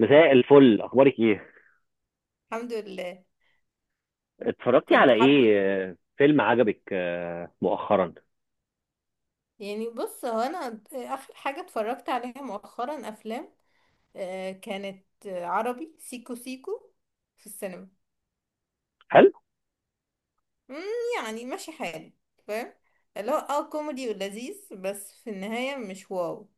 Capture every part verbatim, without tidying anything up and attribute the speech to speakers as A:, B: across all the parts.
A: مساء الفل، اخبارك ايه؟
B: الحمد لله.
A: اتفرجتي
B: كنت
A: على
B: حابة،
A: ايه؟ آه، فيلم عجبك آه، مؤخرا؟
B: يعني بص، هو انا اخر حاجة اتفرجت عليها مؤخرا افلام. آه، كانت آه، عربي سيكو سيكو في السينما.
A: حلو.
B: مم، يعني ماشي حالي، فاهم، اللي هو اه كوميدي ولذيذ، بس في النهاية مش واو.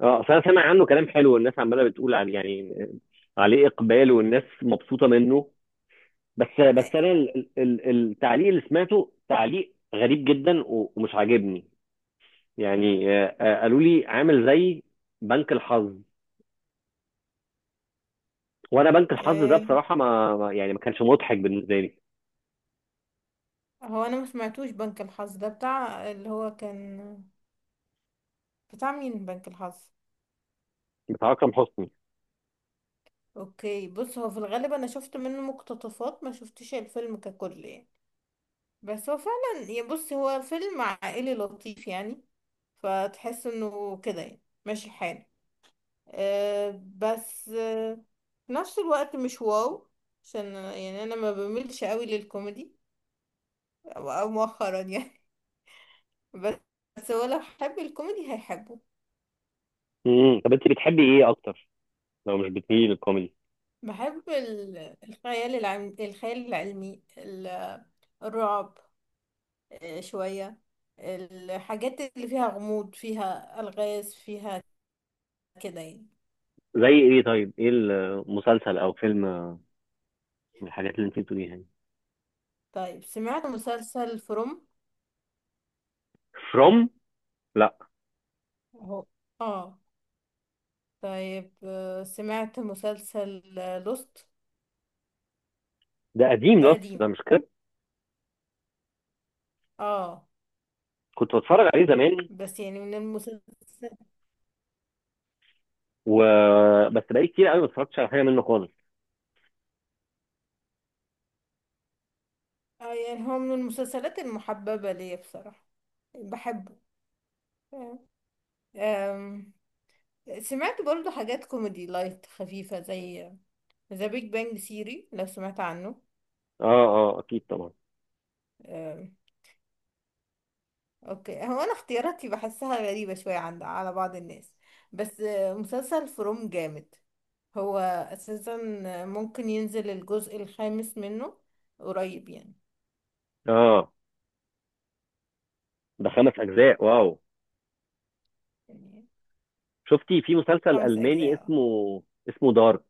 A: اه، اصل انا سامع عنه كلام حلو والناس عماله بتقول عليه، يعني آه، عليه اقبال والناس مبسوطه منه. بس بس انا ال- ال- ال- التعليق اللي سمعته تعليق غريب جدا و- ومش عاجبني. يعني آه، آه، قالوا لي عامل زي بنك الحظ، وانا بنك الحظ ده
B: آه،
A: بصراحه ما ما- يعني ما كانش مضحك بالنسبه لي.
B: هو انا ما سمعتوش بنك الحظ ده، بتاع اللي هو كان بتاع مين بنك الحظ؟
A: بتاع اكرم حسني.
B: اوكي، بص، هو في الغالب انا شفت منه مقتطفات، ما شفتش الفيلم ككل يعني. بس هو فعلا يعني بص هو فيلم عائلي لطيف يعني. فتحس انه كده يعني ماشي الحال. أه بس أه في نفس الوقت مش واو. عشان يعني انا ما بميلش قوي للكوميدي او أو مؤخرا يعني. بس بس هو لو حب الكوميدي هيحبه.
A: امم طب انت بتحبي ايه اكتر لو مش بتميلي للكوميدي؟
B: بحب ال- الخيال العلمي، الخيال العلمي ال- الرعب. أه شوية، الحاجات اللي فيها غموض، فيها ألغاز، فيها كده يعني.
A: زي ايه؟ طيب ايه المسلسل او فيلم من الحاجات اللي انت بتقوليها دي؟
B: طيب سمعت مسلسل فروم؟
A: فروم. لا.
B: اهو. اه. طيب، آه، سمعت مسلسل لوست؟
A: ده قديم
B: ده
A: لوست ده،
B: قديم،
A: مش كده؟
B: اه.
A: كنت بتفرج عليه زمان،
B: بس يعني من المسلسل،
A: و، بس بقالي كتير قوي ما اتفرجتش على حاجه منه خالص.
B: اه، يعني هو من المسلسلات المحببة ليا بصراحة، بحبه. آم، سمعت برضو حاجات كوميدي لايت خفيفة زي ذا بيج بانج سيري، لو سمعت عنه.
A: اه اه اكيد طبعا.
B: اوكي، هو انا اختياراتي بحسها غريبة شوية عند على بعض الناس. بس آه، مسلسل فروم جامد. هو اساسا ممكن ينزل الجزء الخامس منه قريب يعني.
A: اه، ده خمس اجزاء، واو.
B: يعني
A: شفتي في مسلسل
B: خمس
A: الماني
B: اجزاء
A: اسمه، اسمه دارك؟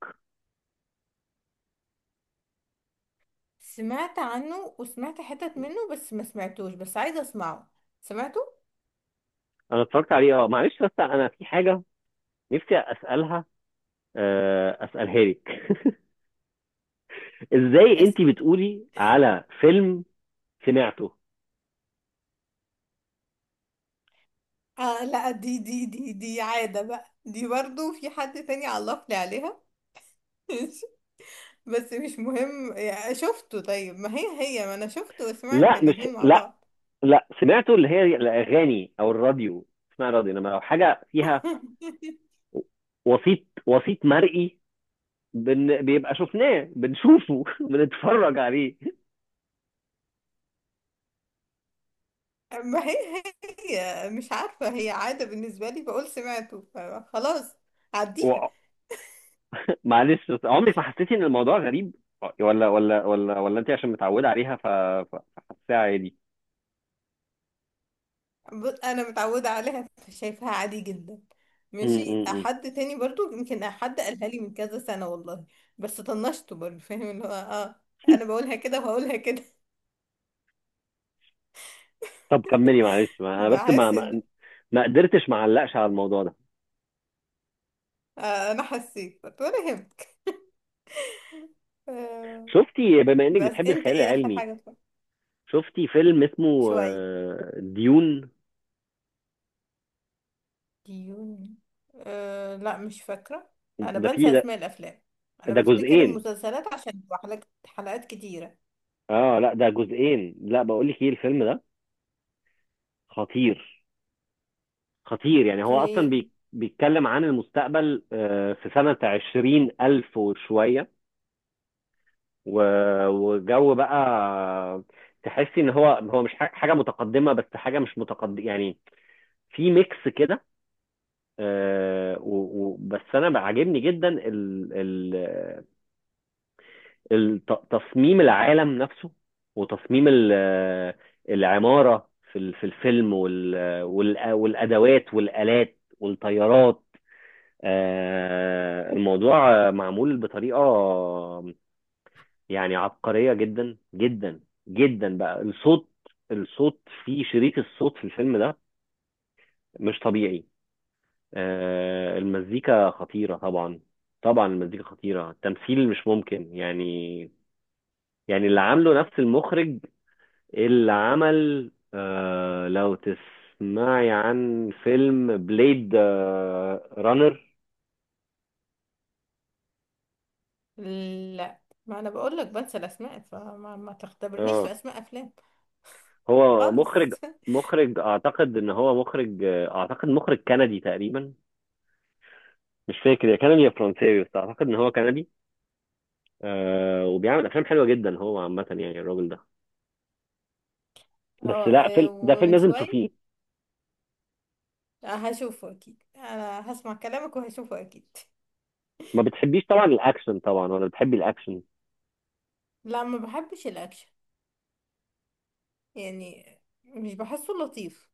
B: سمعت عنه وسمعت حتت منه بس ما سمعتوش، بس عايزة اسمعه. سمعته.
A: انا اتفرجت عليه، اه معلش بس انا في حاجه نفسي اسالها، آه، اسالها لك. ازاي
B: أس...
A: انت بتقولي على فيلم سمعته؟
B: آه لا، دي دي دي دي عادة بقى، دي برضو في حد تاني علق لي عليها. بس مش مهم يعني شفته. طيب، ما هي هي ما انا شفته وسمعت
A: لا، مش
B: الاتنين مع
A: لا،
B: بعض.
A: لا سمعته، اللي هي الاغاني او الراديو، اسمها راديو، انما لو حاجه فيها وسيط، وسيط مرئي، بن... بيبقى شفناه، بنشوفه، بنتفرج عليه.
B: ما هي هي مش عارفة، هي عادة بالنسبة لي بقول سمعته فخلاص،
A: و...
B: عديها.
A: معلش، بس عمرك ما حسيتي ان الموضوع غريب، ولا ولا ولا ولا انت عشان متعوده عليها ف ف- فحاساها عادي؟
B: ب- أنا متعودة عليها، شايفها عادي جدا.
A: م-
B: ماشي،
A: م-
B: حد تاني برضو يمكن حد قالها لي من كذا سنة والله. بس طنشته برضو، فاهم، اللي هو اه
A: م.
B: أنا بقولها كده وهقولها كده.
A: طب كملي، معلش، ما انا بس ما
B: بحس إن...
A: ما ما قدرتش ما اعلقش على الموضوع ده.
B: آه أنا حسيت ولا يهمك. آه،
A: شفتي بما انك
B: بس
A: بتحبي
B: أنت
A: الخيال
B: إيه آخر
A: العلمي،
B: حاجة؟ طيب.
A: شفتي فيلم اسمه
B: شوية.
A: آه، ديون؟
B: ديون؟ أه لا، مش فاكرة. أنا
A: ده
B: بنسى
A: فيه
B: أسماء الأفلام. أنا
A: ده
B: بفتكر
A: جزئين.
B: المسلسلات عشان بتبقى حلقات حلقات كتيرة.
A: اه لا، ده جزئين، لا، بقول لك ايه، الفيلم ده خطير، خطير. يعني هو اصلا
B: اوكي.
A: بي بيتكلم عن المستقبل، آه، في سنة عشرين ألف وشوية، و- وجو بقى تحسي ان هو هو مش ح- حاجة متقدمة، بس حاجة مش متقدمة، يعني في ميكس كده. آه، و- و- بس انا عاجبني جدا ال- ال- الت- تصميم العالم نفسه، وتصميم ال- العمارة في ال- في الفيلم، وال- وال- والأدوات والآلات والطيارات. آه، الموضوع معمول بطريقة يعني عبقرية جدا جدا جدا. بقى الصوت، الصوت في شريط الصوت في الفيلم ده مش طبيعي. آه، المزيكا خطيرة طبعا، طبعا المزيكا خطيرة. التمثيل مش ممكن يعني. يعني اللي عامله نفس المخرج اللي عمل، آه لو تسمعي عن فيلم بليد آه رانر.
B: لا، ما أنا بقول لك بنسى الأسماء، فما ما تختبرنيش
A: اه،
B: في أسماء أفلام
A: هو
B: خالص.
A: مخرج، مخرج اعتقد ان هو مخرج، آه، اعتقد مخرج كندي تقريبا، مش فاكر يا كندي يا فرنساوي، بس اعتقد ان هو كندي. آه وبيعمل افلام حلوه جدا هو عامه، يعني الراجل ده. بس
B: اه،
A: لا،
B: آه،
A: فيلم ده فيلم
B: ومن
A: لازم
B: شوية،
A: تشوفيه.
B: آه، هشوفه أكيد، أنا هسمع كلامك وهشوفه أكيد.
A: ما بتحبيش طبعا الاكشن، طبعا، ولا بتحبي الاكشن؟
B: لا، ما بحبش الأكشن يعني، مش بحسه لطيف،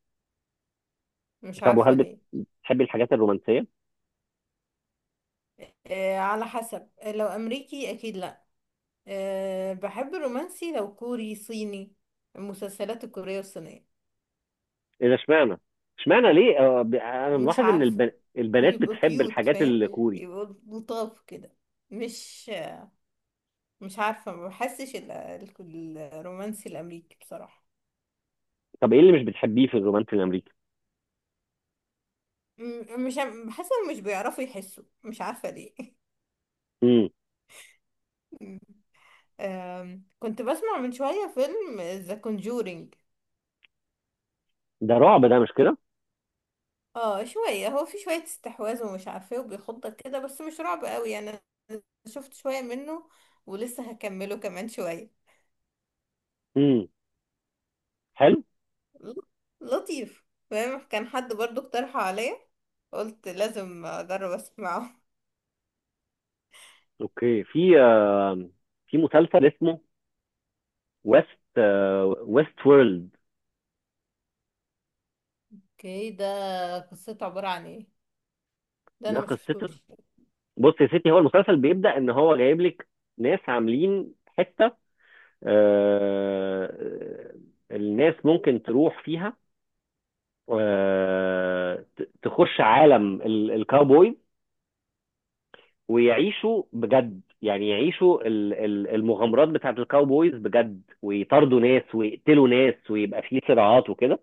B: مش
A: طب،
B: عارفة
A: وهل
B: ليه.
A: بتحبي الحاجات الرومانسيه؟
B: أه، على حسب، لو أمريكي أكيد لا. أه بحب الرومانسي لو كوري صيني. المسلسلات الكورية والصينية.
A: ايه ده، اشمعنى؟ اشمعنى ليه؟ آه، ب- انا
B: مش
A: ملاحظ ان
B: عارفة.
A: الب... البنات
B: بيبقوا
A: بتحب
B: كيوت،
A: الحاجات
B: فاهم،
A: الكوري.
B: يبقوا لطاف كده. مش مش عارفة، ما بحسش ال- ال- الرومانسي الأمريكي بصراحة.
A: طب ايه اللي مش بتحبيه في الرومانسي الامريكي؟
B: م- مش عم- بحس إنهم مش بيعرفوا يحسوا، مش عارفة ليه.
A: امم.
B: أم، كنت بسمع من شوية فيلم ذا Conjuring.
A: ده رعب ده، مش كده؟
B: اه شوية، هو في شوية استحواذ ومش عارفة ايه وبيخضك كده، بس مش رعب قوي يعني. انا شفت شوية منه ولسه هكمله كمان شوية.
A: امم، حلو.
B: ل- لطيف، فاهم. كان حد برضو اقترحه عليا، قلت لازم اجرب اسمعه.
A: اوكي، في آه، في مسلسل اسمه، ويست، ويست وورلد.
B: اوكي، ده قصته عبارة عن ايه؟ ده
A: ده
B: انا ما
A: قصته،
B: شفتوش.
A: بص يا ستي، هو المسلسل بيبدأ ان هو جايب لك ناس عاملين حتة، آه، آه، الناس ممكن تروح فيها، آه، ت- تخش عالم ال- الكاوبويز، ويعيشوا بجد، يعني يعيشوا ال- ال- المغامرات بتاعت الكاوبويز بجد، ويطاردوا ناس، ويقتلوا ناس، ويبقى فيه صراعات وكده.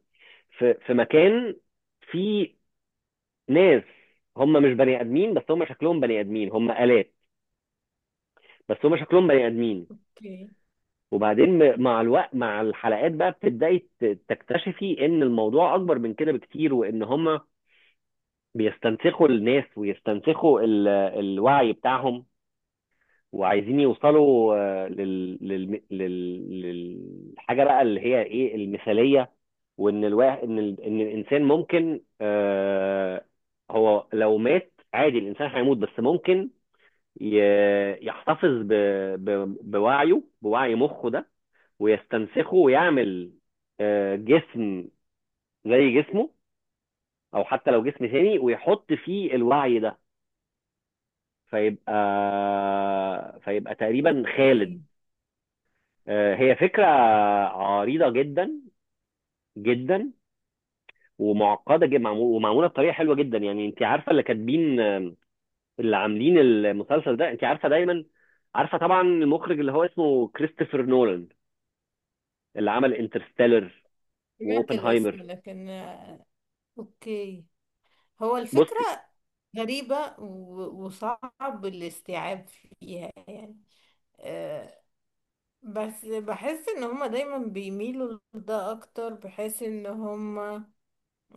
A: في في مكان فيه ناس، هم مش بني ادمين، بس هم شكلهم بني ادمين، هم آلات، بس هم شكلهم بني ادمين.
B: اوكي.
A: وبعدين م- مع الوقت، مع الحلقات بقى بتبدأي ت- تكتشفي ان الموضوع اكبر من كده بكتير، وان هم بيستنسخوا الناس ويستنسخوا ال- الوعي بتاعهم، وعايزين يوصلوا، آه، لل... لل... لل... للحاجه بقى اللي هي ايه، المثاليه. وان الواحد، ان ال... ان الانسان ممكن، آه، هو لو مات عادي الانسان هيموت، بس ممكن ي... يحتفظ ب... ب... بوعيه، بوعي مخه ده، ويستنسخه، ويعمل آه، جسم زي جسمه، او حتى لو جسم تاني، ويحط فيه الوعي ده، فيبقى فيبقى تقريبا خالد.
B: اوكي.
A: آه، هي فكرة عريضة جدا جدا، ومعقدة جدا، ومعمولة بطريقة حلوة جدا، يعني انت عارفة اللي كاتبين، آه، اللي عاملين المسلسل ده، انت عارفة دايما، عارفة طبعا المخرج اللي هو اسمه كريستوفر نولان، اللي عمل انترستيلر
B: سمعت الاسم
A: واوبنهايمر.
B: لكن... اوكي، هو الفكرة
A: بصي،
B: غريبة و- وصعب الاستيعاب فيها يعني. بس بحس ان هما دايما بيميلوا لده اكتر، بحيث ان هما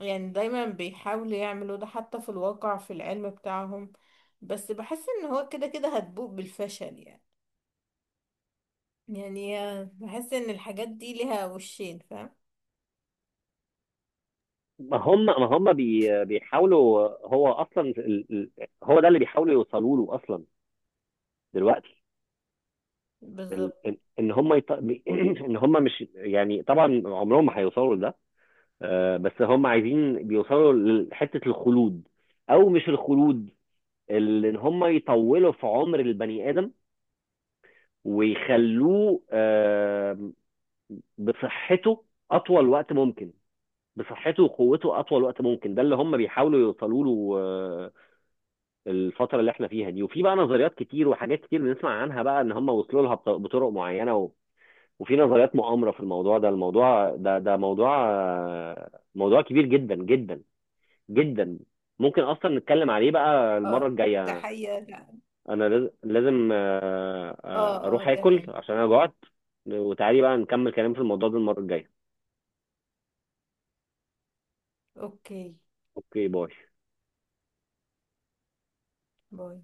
B: يعني دايما بيحاولوا يعملوا ده حتى في الواقع في العلم بتاعهم. بس بحس ان هو كده كده هتبوء بالفشل يعني. يعني بحس ان الحاجات دي ليها وشين، فاهم.
A: ما هم ما هم بي بيحاولوا، هو اصلا ال- ال- هو ده اللي بيحاولوا يوصلوا له اصلا دلوقتي. ال-
B: بالظبط.
A: ان إن هم يط... ان هم مش، يعني طبعا عمرهم ما هيوصلوا لده، آه، بس هم عايزين بيوصلوا لحتة الخلود، او مش الخلود، ال- ان هم يطولوا في عمر البني ادم ويخلوه، آه، بصحته اطول وقت ممكن، بصحته وقوته اطول وقت ممكن. ده اللي هم بيحاولوا يوصلوا له. آه، الفترة اللي احنا فيها دي، وفي بقى نظريات كتير وحاجات كتير بنسمع عنها بقى ان هم وصلوا لها بط- بطرق معينة. و... وفي نظريات مؤامرة في الموضوع ده، الموضوع ده، ده موضوع آه، موضوع كبير جدا جدا جدا. ممكن اصلا نتكلم عليه بقى
B: اه،
A: المره
B: ده
A: الجايه.
B: حقيقة.
A: انا لاز- لازم آه،
B: اه
A: آه،
B: اه،
A: اروح اكل
B: تمام.
A: عشان انا جوعت. وتعالي بقى نكمل كلام في الموضوع ده المره الجايه.
B: اوكي،
A: اوكي، باي.
B: باي.